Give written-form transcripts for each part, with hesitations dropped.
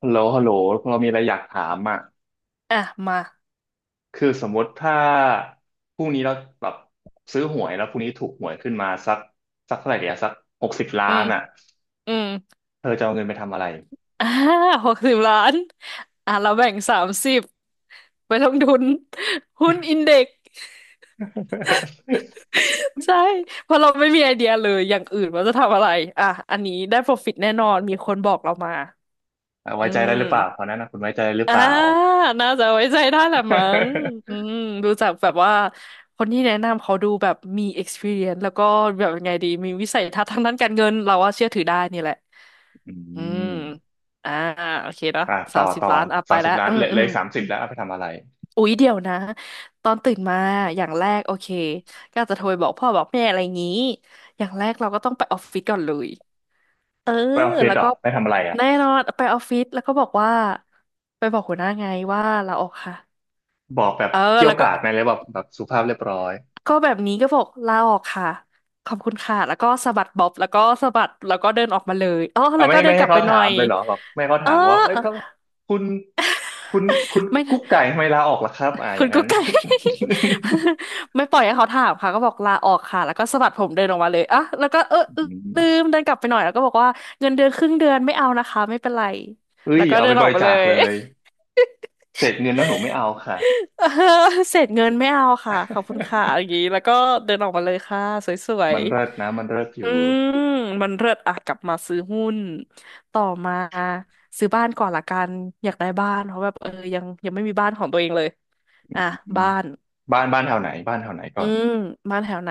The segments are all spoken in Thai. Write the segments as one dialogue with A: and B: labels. A: ฮัลโหลฮัลโหลเรามีอะไรอยากถามอ่ะ
B: อ่ะมา
A: คือสมมติถ้าพรุ่งนี้เราแบบซื้อหวยแล้วพรุ่งนี้ถูกหวยขึ้นมาสักเท่าไหร่เดียวสักหกสิบล้า
B: อื
A: น
B: ม
A: อ่ะ
B: อืม
A: เธอจะเอาเงินไปทำอะไร
B: อ่า60 ล้าน อ่ะเราแบ่ง30ไปลงทุนหุ้นอินเด็กซ์ ใช่เพราะเราไม่มีไอเดียเลยอย่างอื่นว่าจะทำอะไรอ่ะอันนี้ได้ profit แน่นอนมีคนบอกเรามา
A: อ่ะ
B: อื
A: ไว้ใจได้หรือเปล่าตอ
B: ม
A: นนั้นนะคุณไว้ใจได้หรือเป
B: อ่า
A: ล่า
B: น่าจะไว้ใจได้แหละมั้งอื มดูจากแบบว่าคนที่แนะนำเขาดูแบบมี experience แล้วก็แบบยังไงดีมีวิสัยทัศน์ทางด้านการเงินเราว่าเชื่อถือได้นี่แหละ
A: อื
B: อืม
A: ม
B: อ่าโอเคเนาะ
A: อ่ะ
B: สา
A: ต่อ
B: มสิบ
A: ต่อ
B: ล้านอ่ะไป
A: สามสิ
B: แล้
A: บ
B: ว
A: ล้าน
B: อื
A: เห
B: ม
A: ลย
B: อื
A: เลยสามสิบ
B: ม
A: แล้วเอาไปทำอะไร
B: อุ๊ยเดี๋ยวนะตอนตื่นมาอย่างแรกโอเคก็อาจจะโทรไปบอกพ่อบอกแม่อะไรงี้อย่างแรกเราก็ต้องไปออฟฟิศก่อนเลย เออ
A: ไปออฟฟิศ
B: แล้ว
A: เหรอ
B: ก็
A: ไปทำอะไรอ่ะ
B: แน่นอนไปออฟฟิศแล้วก็บอกว่าไปบอกหัวหน้าไงว่าลาออกค่ะ
A: บอกแบบ
B: เออ
A: เกรี้ยว
B: แล้ว
A: ก
B: ก็
A: ราดไหมเลยแบบแบบสุภาพเรียบร้อย
B: แบบนี้ก็บอกลาออกค่ะขอบคุณค่ะแล้วก็สะบัดบ๊อบแล้วก็สะบัดแล้วก็เดินออกมาเลยอ๋อ
A: เอา
B: แล้ว
A: ไม่
B: ก็เดิ
A: ไม่
B: นก
A: ให้
B: ลับไป
A: เขา
B: ห
A: ถา
B: น่อ
A: ม
B: ย
A: เลยเหรอแบบไม่ให้เขา
B: เออ
A: ถามว่าเอ้ยถ้าคุณคุณคุณ
B: ไม่
A: กุ๊กไก่ทำไมลาออกล่ะครับอ่าอ
B: คุ
A: ย่า
B: ณ
A: งนั้
B: กุ๊
A: น
B: กไก่ ไม่ปล่อยให้เขาถามค่ะก็บอกลาออกค่ะแล้วก็สะบัดผมเดินออกมาเลยอ่ะแล้วก็เออ
A: อืม
B: ลืมเดินกลับไปหน่อยแล้วก็บอกว่าเงินเดือนครึ่งเดือนไม่เอานะคะไม่เป็นไร
A: เอ้
B: แล้
A: ย
B: วก็
A: เอา
B: เดิ
A: ไป
B: น
A: บ
B: ออก
A: ริ
B: ไป
A: จา
B: เล
A: ค
B: ย
A: เลยเศษเงินนะหนูไม่เอาค่ะ
B: เออเศษเงินไม่เอาค่ะขอบคุณค่ะอย่างนี้ แล้วก็เดินออกมาเลยค่ะสว
A: มั
B: ย
A: นเลิศนะมันเลิศ
B: ๆ
A: อ
B: อื
A: ยู่
B: มมันเลิศอ่ะกลับมาซื้อหุ้นต่อมาซื้อบ้านก่อนละกันอยากได้บ้านเพราะแบบเออยังไม่มีบ้านของตัวเองเลยอ่ะ
A: อืม
B: บ้าน
A: บ้านบ้านแถวไหนบ้านแถวไหนก่
B: อื
A: อน
B: มบ้านแถวไหน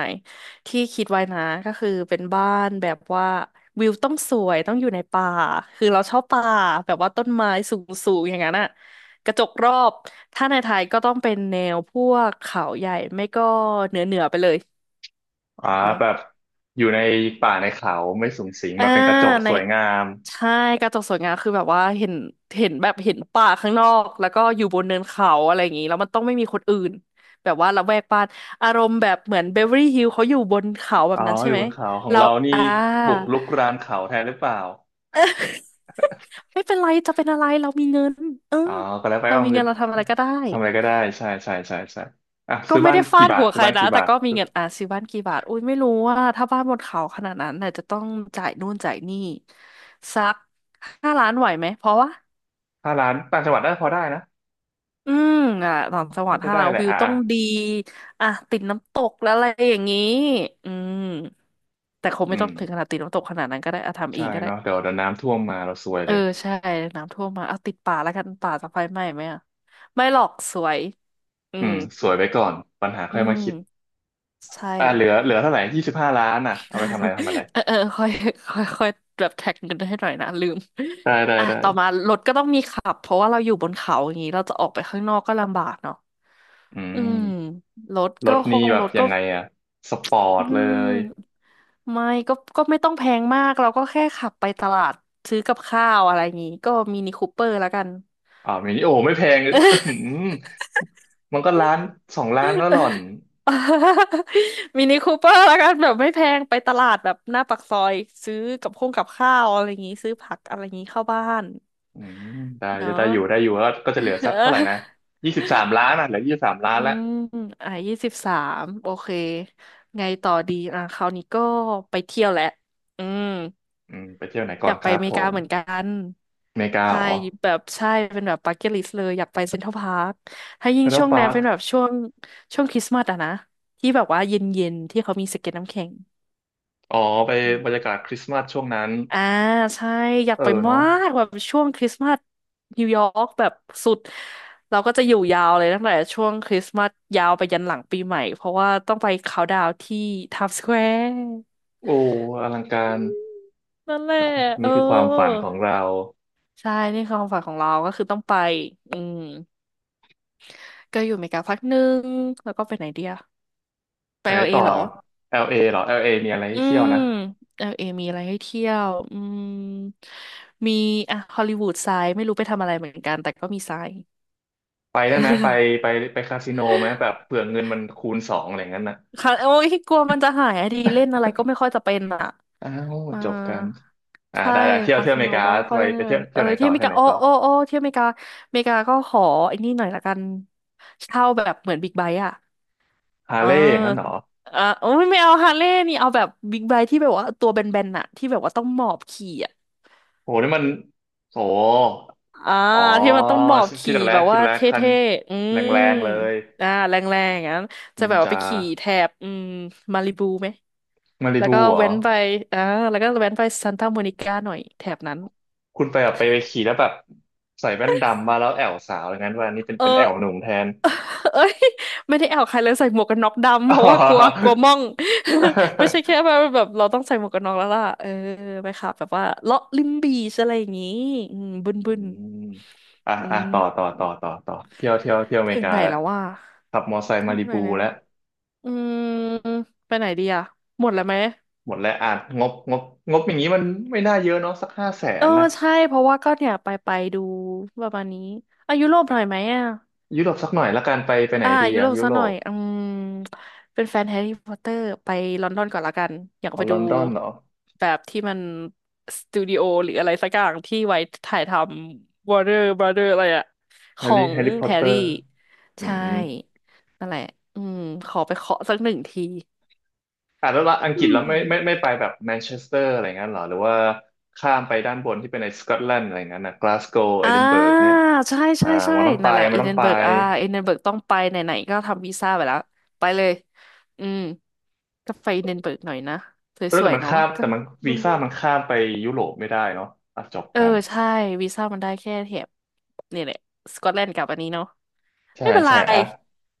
B: ที่คิดไว้นะก็คือเป็นบ้านแบบว่าวิวต้องสวยต้องอยู่ในป่าคือเราชอบป่าแบบว่าต้นไม้สูงๆอย่างนั้นอะกระจกรอบถ้าในไทยก็ต้องเป็นแนวพวกเขาใหญ่ไม่ก็เหนือไปเลย
A: อ่า
B: ไหม
A: แบบอยู่ในป่าในเขาไม่สุงสิงแบ
B: อ่า
A: บเป็นกระจก
B: ใน
A: สวยงาม
B: ใช่กระจกสวยงามคือแบบว่าเห็นป่าข้างนอกแล้วก็อยู่บนเนินเขาอะไรอย่างนี้แล้วมันต้องไม่มีคนอื่นแบบว่าละแวกบ้านอารมณ์แบบเหมือนเบเวอรี่ฮิลเขาอยู่บนเขาแบ
A: อ๋
B: บ
A: อ
B: นั้น
A: อ
B: ใช่
A: ยู่
B: ไหม
A: บนเขาของ
B: เรา
A: เรานี่
B: อ่า
A: บุกรุกรานเขาแทนหรือเปล่า
B: ไม่เป็นไรจะเป็นอะไรเรามีเงินเออ
A: อ๋อก็แล้วไป
B: เรา
A: เอา
B: มี
A: เงิ
B: เงิ
A: น
B: นเราทำอะไรก็ได้
A: ทำอะไรก็ได้ใช่ใช่ใช่ใช่อ่ะ
B: ก็
A: ซื้อ
B: ไม่
A: บ้าน
B: ได้ฟา
A: กี่
B: ด
A: บาท
B: หัว
A: ซื้
B: ใค
A: อ
B: ร
A: บ้าน
B: นะ
A: กี่
B: แต่
A: บาท
B: ก็มีเงินอ่ะซื้อบ้านกี่บาทอุ้ยไม่รู้ว่าถ้าบ้านบนเขาขนาดนั้นน่ะจะต้องจ่ายนู่นจ่ายนี่สัก5 ล้านไหวไหมเพราะว่า
A: ถ้าล้านต่างจังหวัดน่าจะพอได้นะ
B: อืมอ่ะ
A: อื
B: ต่า
A: ม
B: งจังหวัด
A: น่าจะ
B: ถ้า
A: ได้
B: เรา
A: แหละ
B: วิว
A: อ่ะ
B: ต้อ
A: อ่ะ
B: งดีอ่ะติดน้ำตกแล้วอะไรอย่างนี้อืมแต่คง
A: อื
B: ไม่ต้อ
A: ม
B: งถึงขนาดติดน้ำตกขนาดนั้นก็ได้อะทำเอ
A: ใช่
B: งก็ได้
A: เนาะเดี๋ยวเดี๋ยวน้ำท่วมมาเราซวย
B: เอ
A: เล
B: อ
A: ย
B: ใช่น้ำท่วมมาเอาติดป่าแล้วกันป่าจะไฟไหม้ไหมอ่ะไม่หรอกสวยอื
A: อื
B: ม
A: มสวยไปก่อนปัญหา
B: อื
A: ค่อยมา
B: ม
A: คิด
B: ใช่
A: อ่ะเหลือเหลือเท่าไหร่25,000,000อ่ะเอาไปทำอะไรทำอะไร
B: เออเออค่อยค่อยค่อยแบบแท็กเงินให้หน่อยนะลืม
A: ได้ได้
B: อ่ะ
A: ได้
B: ต่อมารถก็ต้องมีขับเพราะว่าเราอยู่บนเขาอย่างนี้เราจะออกไปข้างนอกก็ลำบากเนาะ
A: อื
B: อื
A: ม
B: ม
A: รถนี่แบ
B: ร
A: บ
B: ถ
A: ยั
B: ก็
A: งไงอ่ะสปอร์
B: อื
A: ตเลย
B: มไม่ก็ไม่ต้องแพงมากเราก็แค่ขับไปตลาดซื้อกับข้าวอะไรอย่างงี้ก็มินิคูเปอร์แล้วกัน
A: อ่ามินิโอไม่แพง อื้อหือมันก็ล้านสองล้านแล้วหล่อน
B: มินิคูเปอร์แล้วกันแบบไม่แพงไปตลาดแบบหน้าปากซอยซื้อกับข้าวอะไรอย่างงี้ซื้อผักอะไรอย่างงี้เข้าบ้าน
A: อืมได้
B: เนาะ
A: จะได้อยู่ได้อยู่แล้วก็จะเหลือ
B: เ
A: สักเท่าไหร่นะ
B: ออ
A: ยี่สิบสามล้านอ่ะเหลือยี่สิบสามล้า
B: อื
A: นแล้ว
B: มอ่ะ23โอเคไงต่อดีอ่ะคราวนี้ก็ไปเที่ยวแหละอืม
A: อืมไปเที่ยวไหน
B: อ
A: ก่อน
B: ยาก
A: ค
B: ไป
A: รั
B: อ
A: บ
B: เม
A: ผ
B: ริกา
A: ม
B: เหมือนกัน
A: อเมริกา
B: ใช่
A: เหรอ
B: แบบใช่เป็นแบบ b u c เก t l ลิสเลยอยากไปเซ็นทรัลพาร์คถ้า
A: แค
B: ยิ่ง
A: นา
B: ช่ว
A: ดา
B: ง
A: ปา
B: นั้น
A: ร์ค
B: เป็นแบบช่วงคริสต์มาสอะนะที่แบบว่าเย็นๆที่เขามีสเก็ตน้ำแข็ง
A: อ๋อไปบรรยากาศคริสต์มาสช่วงนั้น
B: อ่าใช่อยาก
A: เออ
B: ไปมา
A: เนาะ
B: กแบบช่วงคริสต์มาสนิวยอร์กแบบสุดเราก็จะอยู่ยาวเลยตั้งแต่ช่วงคริสต์มาสยาวไปยันหลังปีใหม่เพราะว่าต้องไปเขาน์ดาวน์ที่ไทม์สแควร์
A: โอ้อลังการ
B: นั่นแหละเอ
A: นี่คือความฝัน
B: อ
A: ของเรา
B: ใช่นี่คือความฝันของเราก็คือต้องไปอืม ก็อยู่อเมริกาพักหนึ่งแล้วก็ไปไหนเดียไป
A: ไไหน
B: เอลเอ
A: ต่อ
B: เหรอ
A: LA เอเหรอ LA มีอะไรให้
B: อื
A: เที่ยว
B: ม
A: นะ
B: เอลเอมีอะไรให้เที่ยวอืมมีอ่ะฮอลลีวูดไซด์ไม่รู้ไปทำอะไรเหมือนกันแต่ก็มีไซด์
A: ไปได้ไหมไปไปไปคาสิโนไหมแบบเผื่อเงินมันคูณสองอะไรอย่างนั้นนะ
B: ค่ะโอ้ยกลัวมันจะหายอะดีเล่นอะไรก็ไม่ค่อยจะเป็นอ่ะ
A: อ้าว
B: อ่า
A: จบกันอ่า
B: ใช่
A: ได้ได้เที่ยว
B: คา
A: เที่ยวอ
B: สิ
A: เม
B: โน
A: ริกา
B: ก็ไม่ค่อย
A: ไป
B: ได้
A: ไป
B: เป็
A: เที่ยว
B: นเอ
A: เที่ย
B: อ
A: วไหน
B: ที่
A: ต่อ
B: อเม
A: เที่
B: ริ
A: ยวไห
B: กา
A: น
B: โอ้
A: ต่อ
B: โอ้โอ้ที่อเมริกาอเมริกาก็ขอไอ้นี่หน่อยละกันเช่าแบบเหมือนบิ๊กไบค์อะ
A: ฮา
B: อ่
A: ร์เลย์งนั้นเหรอ
B: าอ่าโอ้ยไม่เอาฮาร์เลย์นี่เอาแบบบิ๊กไบค์ที่แบบว่าตัวแบนๆน่ะที่แบบว่าต้องหมอบขี่อ่ะ
A: โหนี่มันโห
B: อ่า
A: อ๋อ
B: ที่มันต้องหมอบ
A: คิด
B: ขี่
A: ออกแล้
B: แบ
A: ว
B: บ
A: คิด
B: ว่า
A: แล้ว
B: เท
A: คัน
B: ่ๆ
A: แรงๆเลย
B: อ่าแรงๆอย่างนั้นจะ
A: นิ
B: แบ
A: น
B: บว่า
A: จา
B: ไปขี่แถบมาริบูไหม
A: มาริ
B: แล้ว
A: บู
B: ก็
A: เหรอ
B: แว้นไปอ่าแล้วก็แว้นไปซันตาโมนิก้าหน่อยแถบนั้น
A: คุณไปแบบไปไปขี่แล้วแบบใส่แว่นดำมาแล้วแอวสาวอย่างนั้นว่านี่เป็น
B: เอ
A: เป็นแอ
B: อ
A: วหนุ่มแทน
B: เอ้ยไม่ได้แอวใครเลยใส่หมวกกันน็อก ดำ
A: อ๋อ
B: เพราะว่ากลัวกลัวม่อง ไม่ใช่แค่แบบเราต้องใส่หมวกกันน็อกแล้วล่ะเออไปขับแบบว่าเลาะริมบีชอะไรอย่างงี้อืมบึน
A: อื
B: บึน
A: มอ่ะ
B: อื
A: อ่ะต่อต่อ
B: ม
A: ต่อต่อต่อเที่ยวเที่ยวเที่ยวอเม
B: ถึ
A: ริ
B: ง
A: กา
B: ไหน
A: แล้ว
B: แล้วว่า
A: ขับมอไซค์
B: เที่
A: มา
B: ยว
A: ริ
B: ไหน
A: บู
B: แล้ว
A: แล้ว
B: อืมไปไหนดีอะหมดแล้วไหม
A: หมดแล้วอ่ะงบงบงบอย่างนี้มันไม่น่าเยอะเนาะสักห้าแส
B: เออ
A: นนะ
B: ใช่เพราะว่าก็เนี่ยไปดูประมาณนี้อายุโรปหน่อยไหมอะ
A: ยุโรปสักหน่อยละกันไปไปไหน
B: อ่า
A: ดี
B: ยุโร
A: อะ
B: ป
A: ยุ
B: ซะ
A: โร
B: หน่อ
A: ป
B: ยอืมเป็นแฟนแฮร์รี่พอตเตอร์ไปลอนดอนก่อนละกันอยาก
A: เอา
B: ไป
A: ล
B: ดู
A: อนดอนเหรอ
B: แบบที่มันสตูดิโอหรืออะไรสักอย่างที่ไว้ถ่ายทำ Warner Brother อะไรอะข
A: แฮ
B: อ
A: ร์รี่
B: ง
A: แฮร์รี่พอต
B: แฮ
A: เต
B: ร์
A: อ
B: รี่
A: ร์อื
B: ใช่
A: ม
B: นั่นแหละอืมขอไปเคาะสัก1ที
A: อ่ะแล้วละอังก
B: อื
A: ฤษแล้วไม่ไม่
B: ม
A: ไม่ไปแบบแมนเชสเตอร์อะไรเงี้ยเหรอหรือว่าข้ามไปด้านบนที่เป็นในสกอตแลนด์อะไรเงี้ยนะกลาสโกว์เอดินเบิร์ก
B: อ่า
A: เนี้ย
B: ใช่
A: อ่า
B: ใช่ใช่
A: มันต้องไป
B: นั่นแหละ
A: มัน
B: อิน
A: ต้อ
B: เด
A: ง
B: น
A: ไป
B: เบิร์กอ่าอินเดนเบิร์กต้องไปไหนๆก็ทำวีซ่าไปแล้วไปเลยอืมก็ไปอินเดนเบิร์กหน่อยนะส
A: เออ
B: ว
A: แต่
B: ย
A: มั
B: ๆ
A: น
B: เนาะ
A: ข้าม
B: ก็
A: แต่มัน
B: ม
A: วีซ่า
B: ึน
A: มัน
B: ๆ
A: ข้ามไปยุโรปไม่ได้เนาะอ่ะจบ
B: เออ
A: กัน
B: ใช่วีซ่ามันได้แค่แถบนี่แหละสกอตแลนด์กับอันนี้เนาะ
A: ใช่
B: ไม่เป็นไร
A: ใช่อ่ะ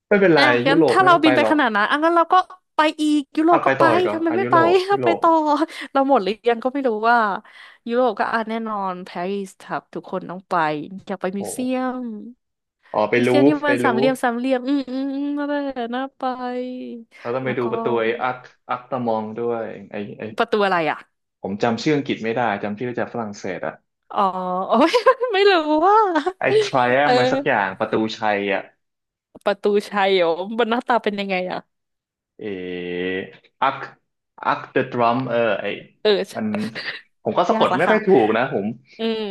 A: ไม่เป็นไร
B: อ่ะ
A: ยุ
B: งั้น
A: โรป
B: ถ้า
A: ไม่
B: เรา
A: ต้องไป
B: บินไป
A: หรอ
B: ข
A: ก
B: นาดนั้นอ่ะงั้นเราก็ไปอีกยุโร
A: อ่ะ
B: ป
A: ไป
B: ก็
A: ต่
B: ไป
A: ออีกเหรอ
B: ทำไม
A: อ่ะ
B: ไม่
A: ยุ
B: ไป
A: โรปยุ โร
B: ไป
A: ป
B: ต่อ
A: อ่ะ
B: เราหมดหรือยังก็ไม่รู้ว่ายุโรปก็อ่ะแน่นอนปารีสครับทุกคนต้องไปอยากไปมิว
A: โอ้โห
B: เซียม
A: อ๋อไป
B: มิว
A: ลู
B: เซียม
A: ฟ
B: ที่
A: ไป
B: มันสา
A: ลู
B: มเหลี่ย
A: ฟ
B: มสามเหลี่ยมอืมอืมอืมนั่นแหละน่าไป
A: เราต้องไป
B: แล้ว
A: ดู
B: ก็
A: ประตูไอ้อัคอัคตามองด้วยไอ้ไอ้
B: ประตูอะไรอ่ะ
A: ผมจำชื่ออังกฤษไม่ได้จำชื่อจากฝรั่งเศสอะ
B: อ๋อ โอ้ย ไม่รู้ว่า
A: ไอ้
B: เอ
A: Triumph อะไรสักอย่า
B: อ
A: งประตูชัยอะ
B: ประตูชัยเหรอมันหน้าตาเป็นยังไงอะ
A: เออักอักเดอะดรัมเออไอ้
B: เ
A: มัน
B: อ
A: ผมก็
B: อ
A: สะ
B: ยา
A: ก
B: ก
A: ด
B: ละ
A: ไม่ค่อ
B: ค่ะ
A: ยถูกนะผม
B: อืม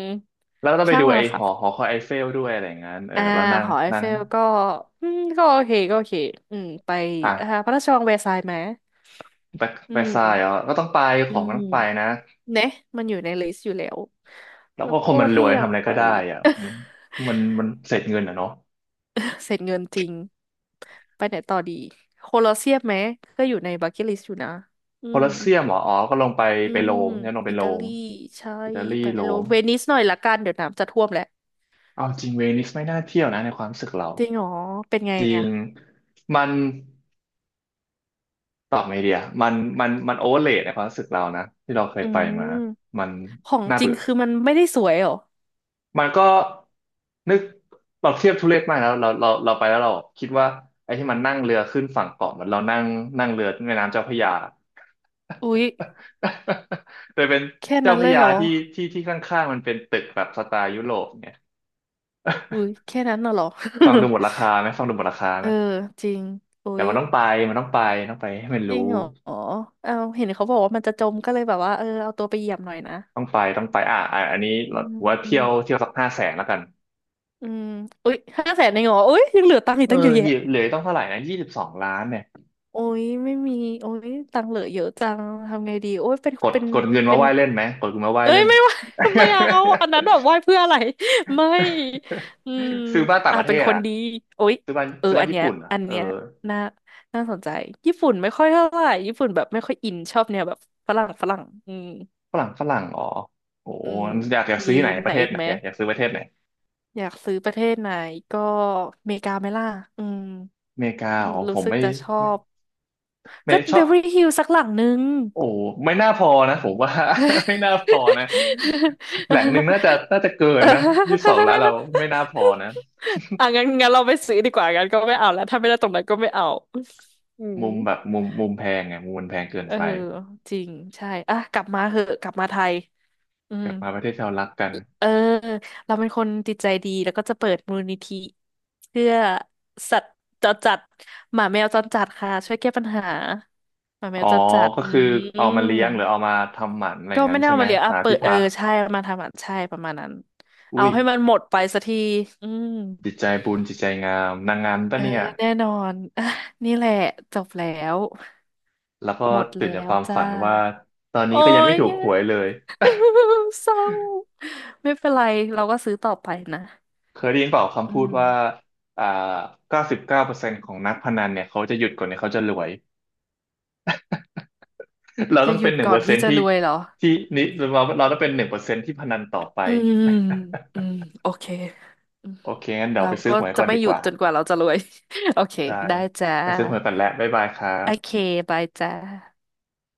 A: แล้วก็ต้องไป
B: ช่าง
A: ดู
B: มัน
A: ไอ้
B: ละ
A: ห
B: ค่ะ
A: อหอคอยไอเฟลด้วยอะไรอย่างนั้นเออ
B: อ่า
A: แล้วนั่ง
B: หอไอ
A: นั่
B: เฟ
A: ง
B: ลก็อืมก็โอเคก็โอเคอืมไป
A: อ่ะ
B: อ่าพระราชวังแวร์ซายน์ไหม
A: ไป
B: อื
A: ไปทรายอ่ะ
B: ม
A: ก็ต้องไปข
B: อื
A: องมัน
B: ม
A: ต้องไปนะ
B: เนะมันอยู่ในลิสต์อยู่แล้ว
A: แล้ว
B: แล้
A: ก็
B: ว
A: คน
B: ก็
A: มันร
B: ที่
A: วย
B: อยา
A: ทำ
B: ก
A: อะไร
B: ไป
A: ก็ได้อ่ะมันเสร็จเงินอ่ะเนาะ
B: เสร็จเงินจริงไปไหนต่อดีโคลอเซียมไหมก็อยู่ในบักเก็ตลิสต์อยู่นะอื
A: โคล
B: ม
A: อสเซียมเหรออ๋อก็ลงไป
B: อื
A: ไปโร
B: ม
A: มเนี่ยลงไป
B: อิ
A: โร
B: ตา
A: ม
B: ลีใช่
A: อิตาลี
B: ไป
A: โร
B: โร
A: ม
B: มเวนิสหน่อยละกันเดี๋ยวน้ำจะท่วมแล้ว
A: เอาจริงเวนิสไม่น่าเที่ยวนะในความรู้สึกเรา
B: จริงเหรอเป็นไง
A: จริ
B: อ่ะ
A: งมันตอบไม่เดียมันโอเวอร์เลในความรู้สึกเรานะที่เราเคย
B: อื
A: ไปมา
B: ม
A: มัน
B: ของ
A: น่า
B: จริ
A: เบื่
B: ง
A: อ
B: คือมันไม่ได้สวยเหรอ
A: มันก็นึกเราเทียบทุเรศมากแล้วเราไปแล้วเราคิดว่าไอ้ที่มันนั่งเรือขึ้นฝั่งเกาะเหมือนเรานั่งนั่งเรือแม่น้ำเจ้าพระยา
B: อุ๊ย
A: แต่เป็น
B: แค่
A: เจ้า
B: นั้น
A: พ
B: เล
A: ระ
B: ย
A: ยา
B: เหรอ
A: ที่ข้างๆมันเป็นตึกแบบสไตล์ยุโรปเนี่ย
B: อุ๊ยแค่นั้นน่ะเหรอ
A: ฟังดูหมดราคาไหมฟังดูหมดราคา
B: เอ
A: ไห
B: อ
A: ม
B: จริงอุ๊
A: แต่
B: ย
A: มันต้องไปมันต้องไปต้องไปให้มัน
B: จ
A: รู้
B: ริงเหรอเอาเห็นเขาบอกว่ามันจะจมก็เลยแบบว่าเออเอาตัวไปเหยียบหน่อยนะ
A: ต้องไปต้องไปอ่ะอ่ะอันนี้
B: อื
A: เราถือ
B: ม
A: ว่า
B: อ
A: เที่ยวเที่ยวสักห้าแสนแล้วกัน
B: ืมอุ๊ย500,000เองเหรออุ๊ยยังเหลือตังค์อี
A: เอ
B: ก
A: อ
B: ตั้งเยอะ
A: เห
B: แยะ
A: ลือเหลือต้องเท่าไหร่นะยี่สิบสองล้านเนี่ย
B: โอ้ยไม่มีโอ้ยตังค์เหลือเยอะจังทำไงดีโอ้ยเป็น
A: กด
B: เป็น
A: กดเงินมา
B: เป็
A: ไห
B: น
A: ว้เล่นไหมกดเงินมาไหว้
B: เอ้ย
A: เล่น
B: ไม่ไหว ไม่เอาอันนั้นแบบไหว้เพื่ออะไร ไม่อืม
A: ซื้อบ้านต่าง
B: อ่า
A: ประเท
B: เป็น
A: ศ
B: คน
A: อ่ะ
B: ดีโอ๊ย
A: ซื้อบ้าน
B: เออ
A: ซื้อบ้า
B: อั
A: น
B: น
A: ญี่
B: เนี้ย
A: ปุ่นอ่ะ
B: อัน
A: เออ
B: เนี้ยน่าน่าสนใจญี่ปุ่นไม่ค่อยเท่าไหร่ญี่ปุ่นแบบไม่ค่อยอินชอบแนวแบบฝรั่งฝรั่งอืม
A: ฝรั่งฝรั่งอ๋อโอ้โห
B: อืม
A: อยากอยาก
B: มี
A: ซื้อที่ไหนป
B: ไหน
A: ระเทศ
B: อีก
A: ไหน
B: ไหม
A: อยากอยากซื้อประเทศไหน
B: อยากซื้อประเทศไหนก็อเมริกาไหมล่ะอืม
A: อเมริกาอ๋อผ
B: รู้
A: ม
B: สึก
A: ไม่
B: จะชอ
A: ไม่
B: บ
A: ไม่
B: ก็
A: ช
B: เบ
A: อบ
B: เวอร์ลี่ฮิลสักหลังนึง
A: โอ้โหไม่น่าพอนะผมว่า ไม่น่าพอนะแหล่งหนึ่งน่าจะ น่าจะเกิ น
B: เออ
A: นะยี่สิบสองล้านเราไม่น่าพอนะ
B: อ่ะงั้นเราไปซื้อดีกว่างั้นก็ไม่เอาแล้วถ้าไม่ได้ตรงนั้นก็ไม่เอาอืม
A: มุมแบบมุมมุมแพงไงมุมมันแพงเกิน
B: เออ
A: ไป
B: จริงใช่อ่ะกลับมาเหอะกลับมาไทยอื
A: ก
B: ม
A: ลับมาประเทศที่เรารักกัน
B: เออ เราเป็นคนจิตใจดีแล้วก็จะเปิดมูลนิธิเพื่อสัตว์จรจัดหมาแมวจรจัดค่ะช่วยแก้ปัญหาหมาแม
A: อ๋อ
B: วจรจัด
A: ก็
B: อื
A: คือเอามาเลี้ย
B: ม
A: งหรือเอามาทำหมันอะไร
B: ก็ไม่
A: งั้น
B: ได้
A: ใช่
B: เอา
A: ไหม
B: มาเลี้ยงอ่ะ
A: หา
B: เปิ
A: ที่
B: ดเออ
A: พัก
B: ใช่มาทำอ่ะใช่ประมาณนั้นเอา
A: อุ้ย
B: ให้มันหมดไปสักทีอืม
A: จิตใจบุญจิตใจงามนางงามปะ
B: เออ
A: เนี่ย
B: แน่นอน อ่ะนี่แหละจบแล้ว
A: แล้วก็
B: หมด
A: ตื่
B: แล้
A: นจาก
B: ว
A: ความ
B: จ้า
A: ฝันว่าตอนนี้
B: โอ้
A: ก็ยังไม่
B: ย
A: ถู ก
B: แย่
A: หวยเลย
B: เศร้าไม่เป็นไรเราก็ซื้อต่อไปนะ
A: เคยได้ยินเปล่าคำ
B: อื
A: พูด
B: ม
A: ว่าอ่า99%ของนักพนันเนี่ยเขาจะหยุดก่อนเนี่ยเขาจะรวย เรา
B: จะ
A: ต้อง
B: ห
A: เป็
B: ยุ
A: น
B: ด
A: หนึ่ง
B: ก่อ
A: เปอ
B: น
A: ร์เซ็
B: ที่
A: นต์
B: จะ
A: ที่
B: รวยเหรอ
A: ที่นี่เราต้องเป็นหนึ่งเปอร์เซ็นต์ที่พนันต่อไป
B: อืมอื มโอเคอืม
A: โอเคงั้นเดี๋ยว
B: เรา
A: ไปซื้อ
B: ก็
A: หวย
B: จะ
A: ก่อน
B: ไม่
A: ดี
B: หยุ
A: ก
B: ด
A: ว่า
B: จนกว่าเราจะรวย โอเค
A: ได้
B: ได้จ้า
A: ไปซื้อหวยก่อนแหล้วบ๊ายบายครั
B: โอเค
A: บ
B: บายจ้า